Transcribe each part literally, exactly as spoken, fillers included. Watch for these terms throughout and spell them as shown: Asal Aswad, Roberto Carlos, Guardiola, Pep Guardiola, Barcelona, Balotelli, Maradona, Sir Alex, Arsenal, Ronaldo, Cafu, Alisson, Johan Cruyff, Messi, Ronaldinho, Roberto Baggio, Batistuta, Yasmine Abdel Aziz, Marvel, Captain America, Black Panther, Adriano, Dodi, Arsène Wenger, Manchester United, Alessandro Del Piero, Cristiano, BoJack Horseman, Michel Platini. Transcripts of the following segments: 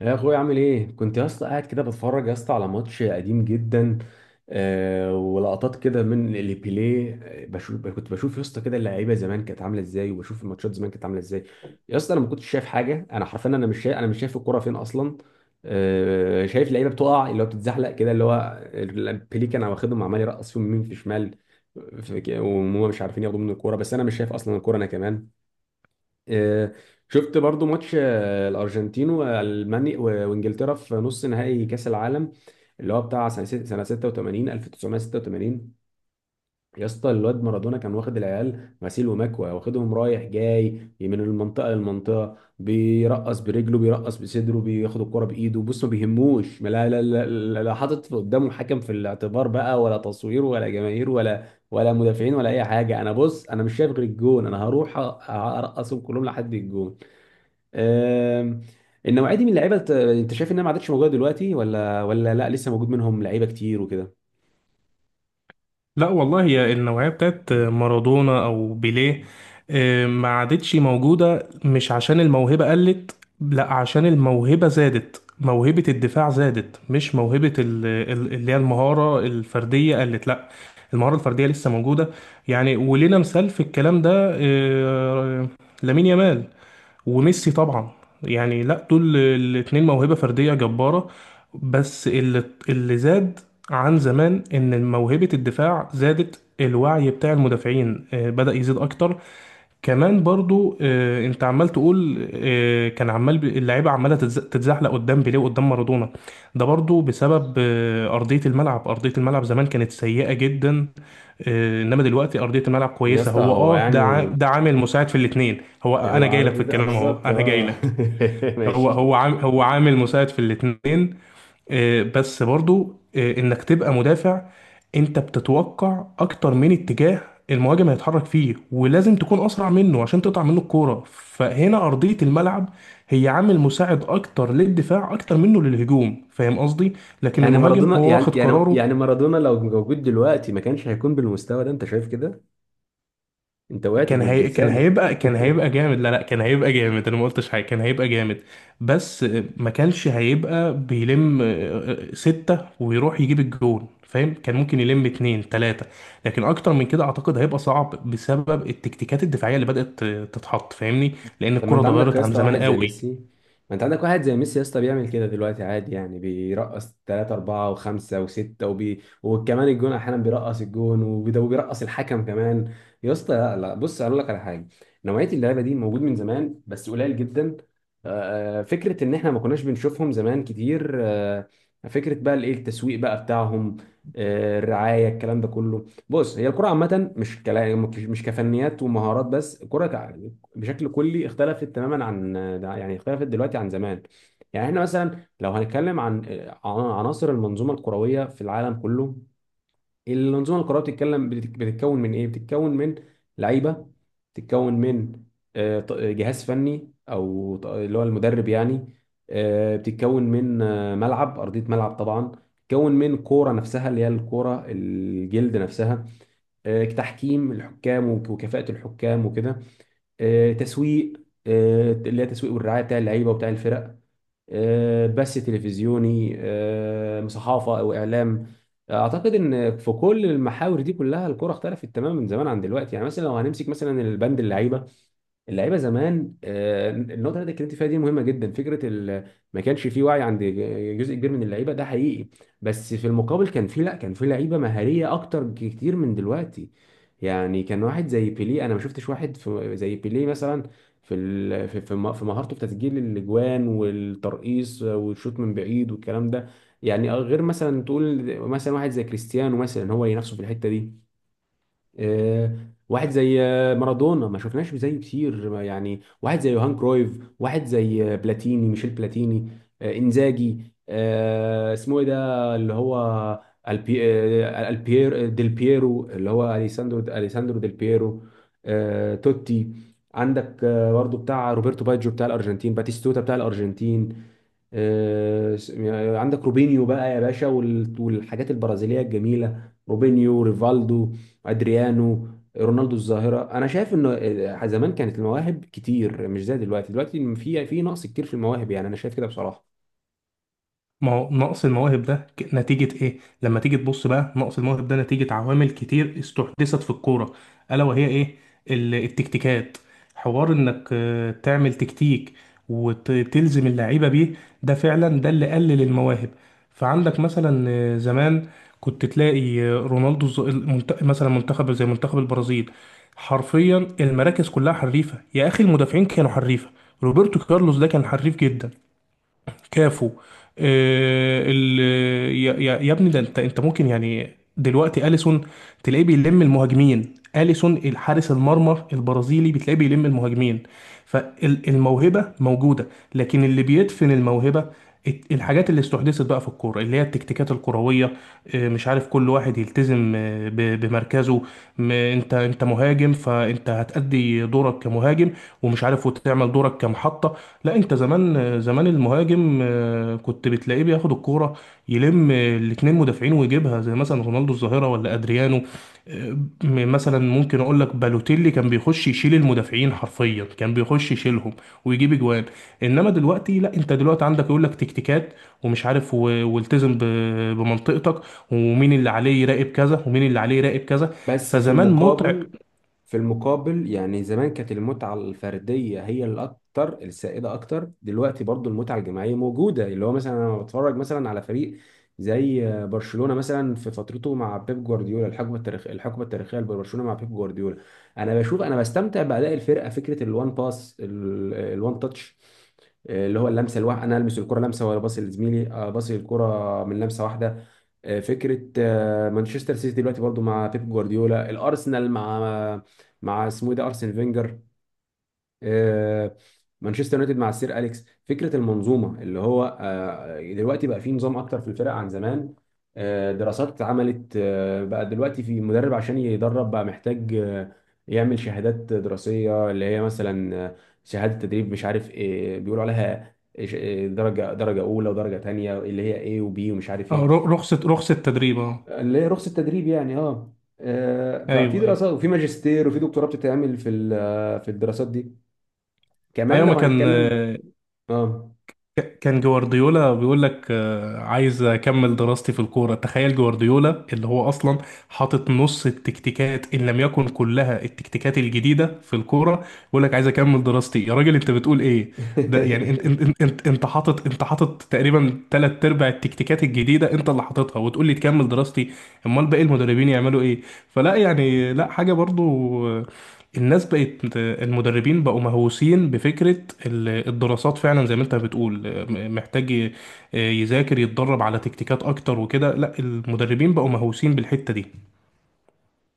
يا اخويا، عامل ايه؟ كنت يا اسطى قاعد كده بتفرج يا اسطى على ماتش قديم جدا. آه، ولقطات كده من اللي بيليه. آه، بشوف كنت بشوف يا اسطى كده اللعيبه زمان كانت عامله ازاي، وبشوف الماتشات زمان كانت عامله ازاي. يا اسطى، انا ما كنتش شايف حاجه. انا حرفيا، انا مش شايف انا مش شايف الكوره فين اصلا. آه، شايف لعيبه بتقع، اللي هو بتتزحلق كده، اللي هو بيليه كان واخدهم، عمال يرقص فيهم يمين في شمال. في- وهم مش عارفين ياخدوا منه الكوره، بس انا مش شايف اصلا الكوره انا كمان. آه. شفت برضو ماتش، آه، الارجنتين والمانيا و- وانجلترا في نص نهائي كاس العالم، اللي هو بتاع سنه ست- سنة ستة وثمانين ألف وتسعمية ستة وثمانين. يا اسطى، الواد مارادونا كان واخد العيال غسيل ومكوى، واخدهم رايح جاي من المنطقه للمنطقه، بيرقص برجله، بيرقص بصدره، بياخد الكره بايده. بص، ما بيهموش، ما لا لا لا، لا لا، حاطط قدامه حكم في الاعتبار بقى، ولا تصوير، ولا جماهير، ولا ولا مدافعين، ولا اي حاجه. انا بص، انا مش شايف غير الجون. انا هروح أ- ارقصهم كلهم لحد الجون. آم، النوعيه دي من اللعيبه، ت- انت شايف انها ما عادتش موجوده دلوقتي؟ ولا ولا لا، لسه موجود منهم لعيبه كتير وكده؟ لا والله، هي النوعية بتاعت مارادونا أو بيليه. آه، ما عادتش موجودة مش عشان الموهبة قلت. لا، عشان الموهبة زادت، موهبة الدفاع زادت، مش موهبة ال- ال- اللي هي المهارة الفردية قلت. لا، المهارة الفردية لسه موجودة. يعني ولنا مثال في الكلام ده، آه، لامين يامال وميسي طبعا. يعني لا، دول الاتنين موهبة فردية جبارة. بس اللي اللي زاد عن زمان ان موهبة الدفاع زادت، الوعي بتاع المدافعين آه، بدأ يزيد اكتر. كمان برضو، آه، انت عمال تقول آه، كان عمال ب- اللعيبه عماله تتز- تتزحلق قدام بيليه وقدام مارادونا. ده برضو بسبب آه، ارضيه الملعب. ارضيه الملعب زمان كانت سيئه جدا، آه، انما دلوقتي ارضيه الملعب يا كويسه. اسطى، هو هو اه، ده عا- يعني ده عامل مساعد في الاثنين. هو هو انا جاي لك عرض في ده، آه، الكلام اهو، بالظبط انا جاي اه. لك. هو هو ماشي. عام هو عامل مساعد في الاثنين، آه، بس برضو آه، انك تبقى مدافع انت بتتوقع اكتر من اتجاه المهاجم هيتحرك فيه، ولازم تكون اسرع منه عشان تقطع منه الكوره. فهنا ارضيه الملعب هي عامل مساعد اكتر للدفاع اكتر منه للهجوم، فاهم قصدي؟ لكن يعني المهاجم مارادونا، هو واخد يعني يعني قراره. يعني مارادونا لو موجود دلوقتي ما كانش هيكون بالمستوى ده. انت شايف كده؟ انت وقعت كان بم- هي... كان بلسانك. هيبقى كان هيبقى جامد. لا لا، كان هيبقى جامد، انا ما قلتش حاجه، كان هيبقى جامد. بس ما كانش هيبقى بيلم آه، آه، ستة ويروح يجيب الجون، فاهم؟ كان ممكن يلم اتنين تلاتة، لكن اكتر من كده اعتقد هيبقى صعب بسبب التكتيكات الدفاعيه اللي بدأت تتحط، فاهمني؟ لان طب، ما الكرة انت عندك يا اتغيرت عن اسطى زمان واحد زي قوي. ميسي، ما انت عندك واحد زي ميسي يا اسطى بيعمل كده دلوقتي عادي، يعني بيرقص ثلاثة أربعة وخمسة وستة وبي... وكمان الجون، أحيانا بيرقص الجون وبي- وبيرقص الحكم كمان. يا اسطى، لا لا، بص أقول لك على حاجة. نوعية اللعيبة دي موجود من زمان، بس قليل جدا. آه، آه، فكرة إن إحنا ما كناش بنشوفهم زمان كتير، آه، فكرة بقى الإيه، التسويق بقى بتاعهم، آه، الرعاية، الكلام ده كله. بص، هي الكرة عامة مش كلا... مش كفنيات ومهارات بس. الكرة بشكل كلي اختلفت تماما عن، يعني اختلفت دلوقتي عن زمان. يعني احنا مثلا لو هنتكلم عن عن عناصر المنظومه الكرويه في العالم كله، المنظومه الكرويه بتتكلم بتت- بتتكون من ايه؟ بتتكون من لعيبه، بتتكون من آه، ط- جهاز فني او ط- اللي هو المدرب يعني، آه، بتتكون من آه، ملعب، ارضيه ملعب طبعا، بتتكون من كوره نفسها اللي هي الكوره الجلد نفسها، آه، تحكيم الحكام وك- وكفاءه الحكام وكده، آه، تسويق، آه، اللي هي تسويق والرعايه بتاع اللعيبه وبتاع الفرق، آه، بث تلفزيوني، آه، صحافه او اعلام. اعتقد ان في كل المحاور دي كلها الكره اختلفت تماما من زمان عن دلوقتي. يعني مثلا لو هنمسك مثلا البند اللعيبه، اللعيبه زمان، آه، النقطه اللي انت اتكلمت فيها دي مهمه جدا. فكره ال... ما كانش في وعي عند جزء كبير من اللعيبه، ده حقيقي. بس في المقابل، كان في، لا، كان في لعيبه مهاريه اكتر بكتير من دلوقتي. يعني كان واحد زي بيليه، انا ما شفتش واحد في... زي بيليه مثلا، في ال... في في م- في مهارته في تسجيل الاجوان والترقيص والشوط من بعيد والكلام ده. يعني غير مثلا تقول مثلا واحد زي كريستيانو مثلا، هو اللي نفسه في الحته دي. آه، واحد زي آه، مارادونا، ما شفناش زيه كتير. ما يعني واحد زي يوهان كرويف، واحد زي آه، بلاتيني، ميشيل بلاتيني، آه، انزاجي، آه، اسمه ايه ده اللي هو البي، آه، البيير ديل بييرو، اللي هو اليساندرو اليساندرو ديل بييرو، آه، توتي. عندك آه، برضو بتاع روبرتو باجيو، بتاع الارجنتين باتيستوتا بتاع الارجنتين، آه، يعني عندك روبينيو بقى يا باشا، وال- والحاجات البرازيليه الجميله، روبينيو، ريفالدو، ادريانو، رونالدو الظاهره. انا شايف ان آه، زمان كانت المواهب كتير، مش زي دلوقتي. دلوقتي في في نقص كتير في المواهب، يعني انا شايف كده بصراحه. ما هو نقص المواهب ده ك- نتيجة إيه؟ لما تيجي تبص بقى، نقص المواهب ده نتيجة عوامل كتير استحدثت في الكورة. ألا وهي إيه؟ ال- التكتيكات. حوار إنك آه، تعمل تكتيك وتلزم اللعيبة بيه، ده فعلا ده اللي قلل المواهب. فعندك مثلا آه، زمان كنت تلاقي آه، رونالدو الز- المنت- مثلا منتخب زي منتخب البرازيل حرفيا المراكز كلها حريفة، يا أخي المدافعين كانوا حريفة. روبرتو كارلوس ده كان حريف جدا، كافو، آه، ال... يا يا- يا ابني ده، انت انت ممكن يعني. دلوقتي اليسون تلاقيه بيلم المهاجمين، اليسون الحارس المرمى البرازيلي بتلاقيه بيلم المهاجمين. فالموهبة موجودة، لكن اللي بيدفن الموهبة الت- الحاجات اللي استحدثت بقى في الكورة، اللي هي التكتيكات الكروية. آه، مش عارف، كل واحد يلتزم آه، ب- بمركزه. م- انت انت مهاجم، فانت هتأدي دورك كمهاجم، ومش عارف وتعمل دورك كمحطة. لا، انت زمان، آه، زمان المهاجم آه، كنت بتلاقيه بياخد الكورة يلم الاتنين مدافعين ويجيبها، زي مثلا رونالدو الظاهرة ولا ادريانو. آه، م- مثلا ممكن اقول لك بالوتيلي كان بيخش يشيل المدافعين حرفيا، كان بيخش يشيلهم ويجيب اجوان. انما دلوقتي لا، انت دلوقتي عندك يقول لك تكتيكات، ومش عارف و- والتزم ب- بمنطقتك، ومين اللي عليه يراقب كذا ومين اللي عليه يراقب كذا. بس في فزمان متع. المقابل، في المقابل يعني زمان كانت المتعة الفردية هي الأكتر السائدة. أكتر دلوقتي برضو المتعة الجماعية موجودة، اللي هو مثلا أنا بتفرج مثلا على فريق زي برشلونة مثلا في فترته مع بيب جوارديولا، الحقبة التاريخية الحقبة التاريخية لبرشلونة مع بيب جوارديولا. أنا بشوف أنا بستمتع بأداء الفرقة، فكرة الوان باس، الوان تاتش، اللي هو اللمسة الواحدة، أنا ألمس الكرة لمسة ولا باصي لزميلي، آه، باصي الكرة من لمسة واحدة. آه، فكره آه، مانشستر سيتي دلوقتي برضو مع بيب جوارديولا، الارسنال مع مع اسمه إيه ده، ارسن فينجر، آه، مانشستر يونايتد مع السير اليكس. فكره المنظومه، اللي هو آه، دلوقتي بقى في نظام اكتر في الفرق عن زمان. آه، دراسات اتعملت، آه، بقى دلوقتي في مدرب عشان يدرب، بقى محتاج آه، يعمل شهادات دراسيه، اللي هي مثلا آه، شهاده تدريب، مش عارف ايه بيقولوا عليها، إيش- إيه، درجه درجه اولى ودرجه تانيه، اللي هي ايه وبي ومش عارف آه، ايه، ر- رخصة رخصة تدريب، اه. اللي هي رخصة تدريب يعني اه. آه، ففي ايوه ايوه، دراسات وفي ماجستير وفي دكتوراه بتتعمل في ال- آه، في الدراسات دي. كمان ايوه ما لو كان هنتكلم آه، اه. ك- كان جوارديولا بيقول لك آه، عايز اكمل دراستي في الكوره. تخيل جوارديولا اللي هو اصلا حاطط نص التكتيكات ان لم يكن كلها، التكتيكات الجديده في الكوره، بيقول لك عايز اكمل دراستي. يا راجل انت بتقول ايه؟ ده يعني انت انت انت انت انت حاطط، انت حاطط تقريبا ثلاث ارباع التكتيكات الجديده انت اللي حاططها، وتقول لي تكمل دراستي؟ امال باقي المدربين يعملوا ايه؟ فلا يعني لا حاجه برضو، آه، الناس بقت، المدربين بقوا مهووسين بفكرة ال- الدراسات، فعلا زي ما انت بتقول. م- محتاج ي- يذاكر، يتدرب على تكتيكات اكتر وكده. لا، المدربين بقوا مهووسين بالحتة دي.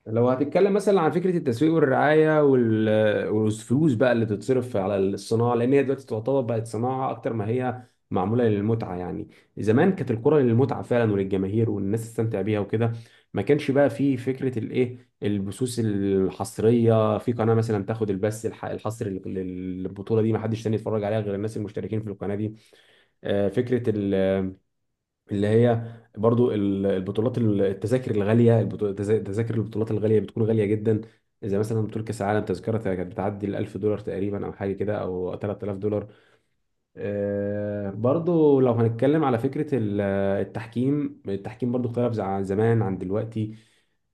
لو هتتكلم مثلا عن فكره التسويق والرعايه وال- والفلوس بقى اللي تتصرف على الصناعه، لان هي دلوقتي تعتبر بقت صناعه اكتر ما هي معموله للمتعه يعني. زمان كانت الكره للمتعه فعلا، وللجماهير والناس تستمتع بيها وكده. ما كانش بقى في فكره الايه، البثوث الحصريه، في قناه مثلا تاخد البث الح- الحصري لل- للبطوله دي، ما حدش تاني يتفرج عليها غير الناس المشتركين في القناه دي. آه، فكره اللي هي برضو ال- البطولات، ال- التذاكر الغاليه، البطو- تذا- تذاكر البطولات الغاليه بتكون غاليه جدا. زي مثلا بطوله كاس العالم، تذكره كانت بتعدي ال ألف دولار تقريبا، او حاجه كده، او تلات آلاف دولار. آه، برضو لو هنتكلم على فكرة ال- التحكيم. التحكيم برضو اختلف زع- عن زمان عن دلوقتي،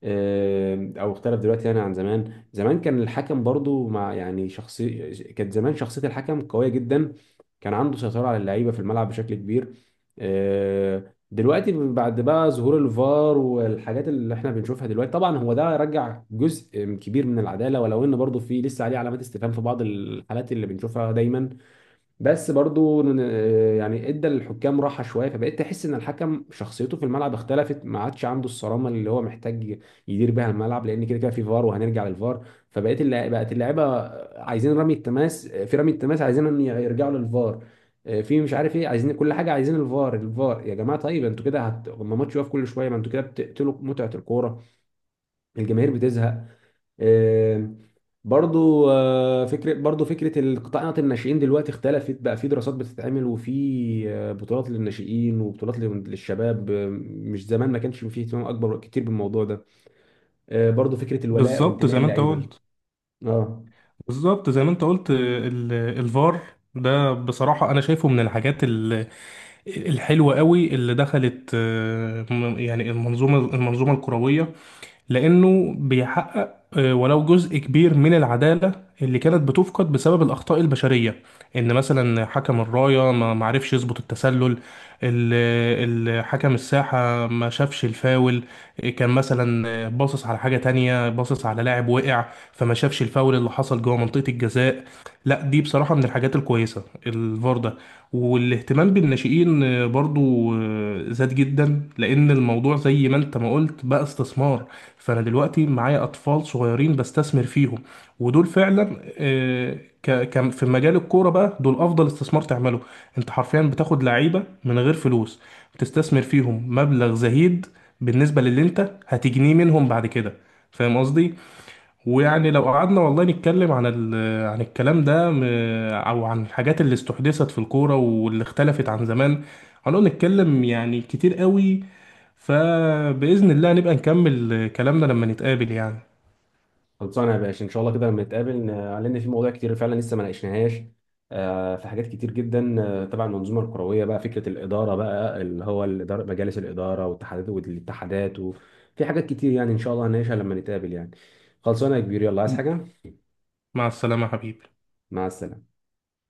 آه، او اختلف دلوقتي يعني عن زمان. زمان كان الحكم برضو مع يعني شخصي، كانت زمان شخصية الحكم قوية جدا، كان عنده سيطرة على اللعيبة في الملعب بشكل كبير. آه، دلوقتي بعد بقى ظهور الفار والحاجات اللي احنا بنشوفها دلوقتي، طبعا هو ده رجع جزء كبير من العدالة، ولو ان برضو في لسه عليه علامات استفهام في بعض الحالات اللي بنشوفها دايما. بس برضو ن- يعني ادى للحكام راحه شويه، فبقيت تحس ان الحكم شخصيته في الملعب اختلفت، ما عادش عنده الصرامه اللي هو محتاج يدير بيها الملعب، لان كده كده في فار، وهنرجع للفار. فبقيت اللع- بقت اللعيبه عايزين رمي التماس، في رمي التماس عايزين ان يرجعوا للفار، آه، في مش عارف ايه، عايزين كل حاجه، عايزين الفار، الفار يا جماعه! طيب انتوا كده هت... ما ماتش يقف كل شويه، ما انتوا كده بتقتلوا متعه الكوره، الجماهير بتزهق. آه، برضو آه، فكرة برضو فكرة القطاع الناشئين دلوقتي اختلفت، بقى في دراسات بتتعمل، وفي آه، بطولات للناشئين وبطولات لل- للشباب. آه، مش زمان، ما كانش فيه اهتمام أكبر كتير بالموضوع ده. آه، برضو فكرة الولاء بالظبط وانتماء زي ما انت اللعيبة قلت، اه. بالظبط زي ما انت قلت ال- الفار، ده بصراحة أنا شايفه من الحاجات ال- الحلوة قوي اللي دخلت آه، م- يعني المنظومة، المنظومة الكروية، لأنه بيحقق آه، ولو جزء كبير من العدالة اللي كانت بتفقد بسبب الأخطاء البشرية. إن مثلا حكم الراية ما ما عرفش يظبط التسلل، ال- ال- حكم الساحة ما شافش الفاول، كان مثلا باصص على حاجة تانية، باصص على لاعب وقع، فما شافش الفاول اللي حصل جوه منطقة الجزاء. لا دي بصراحة من الحاجات الكويسة الفار ده. والاهتمام بالناشئين آه، برضو آه، زاد جدا، لأن الموضوع زي ما انت ما قلت بقى استثمار. فأنا دلوقتي معايا أطفال صغيرين بستثمر فيهم، ودول فعلا آه، ك ك- في مجال الكورة بقى دول أفضل استثمار تعمله. انت حرفيا بتاخد لعيبة من غير فلوس، بتستثمر فيهم مبلغ زهيد بالنسبة للي انت هتجنيه منهم بعد كده، فاهم قصدي؟ ويعني لو قعدنا والله نتكلم عن ال... عن الكلام ده، م... او عن الحاجات اللي استحدثت في الكورة واللي اختلفت عن زمان، هنقعد نتكلم يعني كتير قوي. فبإذن الله نبقى نكمل كلامنا لما نتقابل يعني. خلصانه يا باشا، ان شاء الله كده لما نتقابل ن- لان في مواضيع كتير فعلا لسه ما ناقشناهاش، آه، في حاجات كتير جدا، آه، تبع المنظومه الكرويه، بقى فكره الاداره، بقى اللي هو الاداره، مجالس الاداره والاتحادات، والاتحادات وفي حاجات كتير، يعني ان شاء الله هنناقشها لما نتقابل يعني. خلصانه يا كبير، يلا، عايز حاجه؟ مع السلامة يا حبيبي. مع السلامه.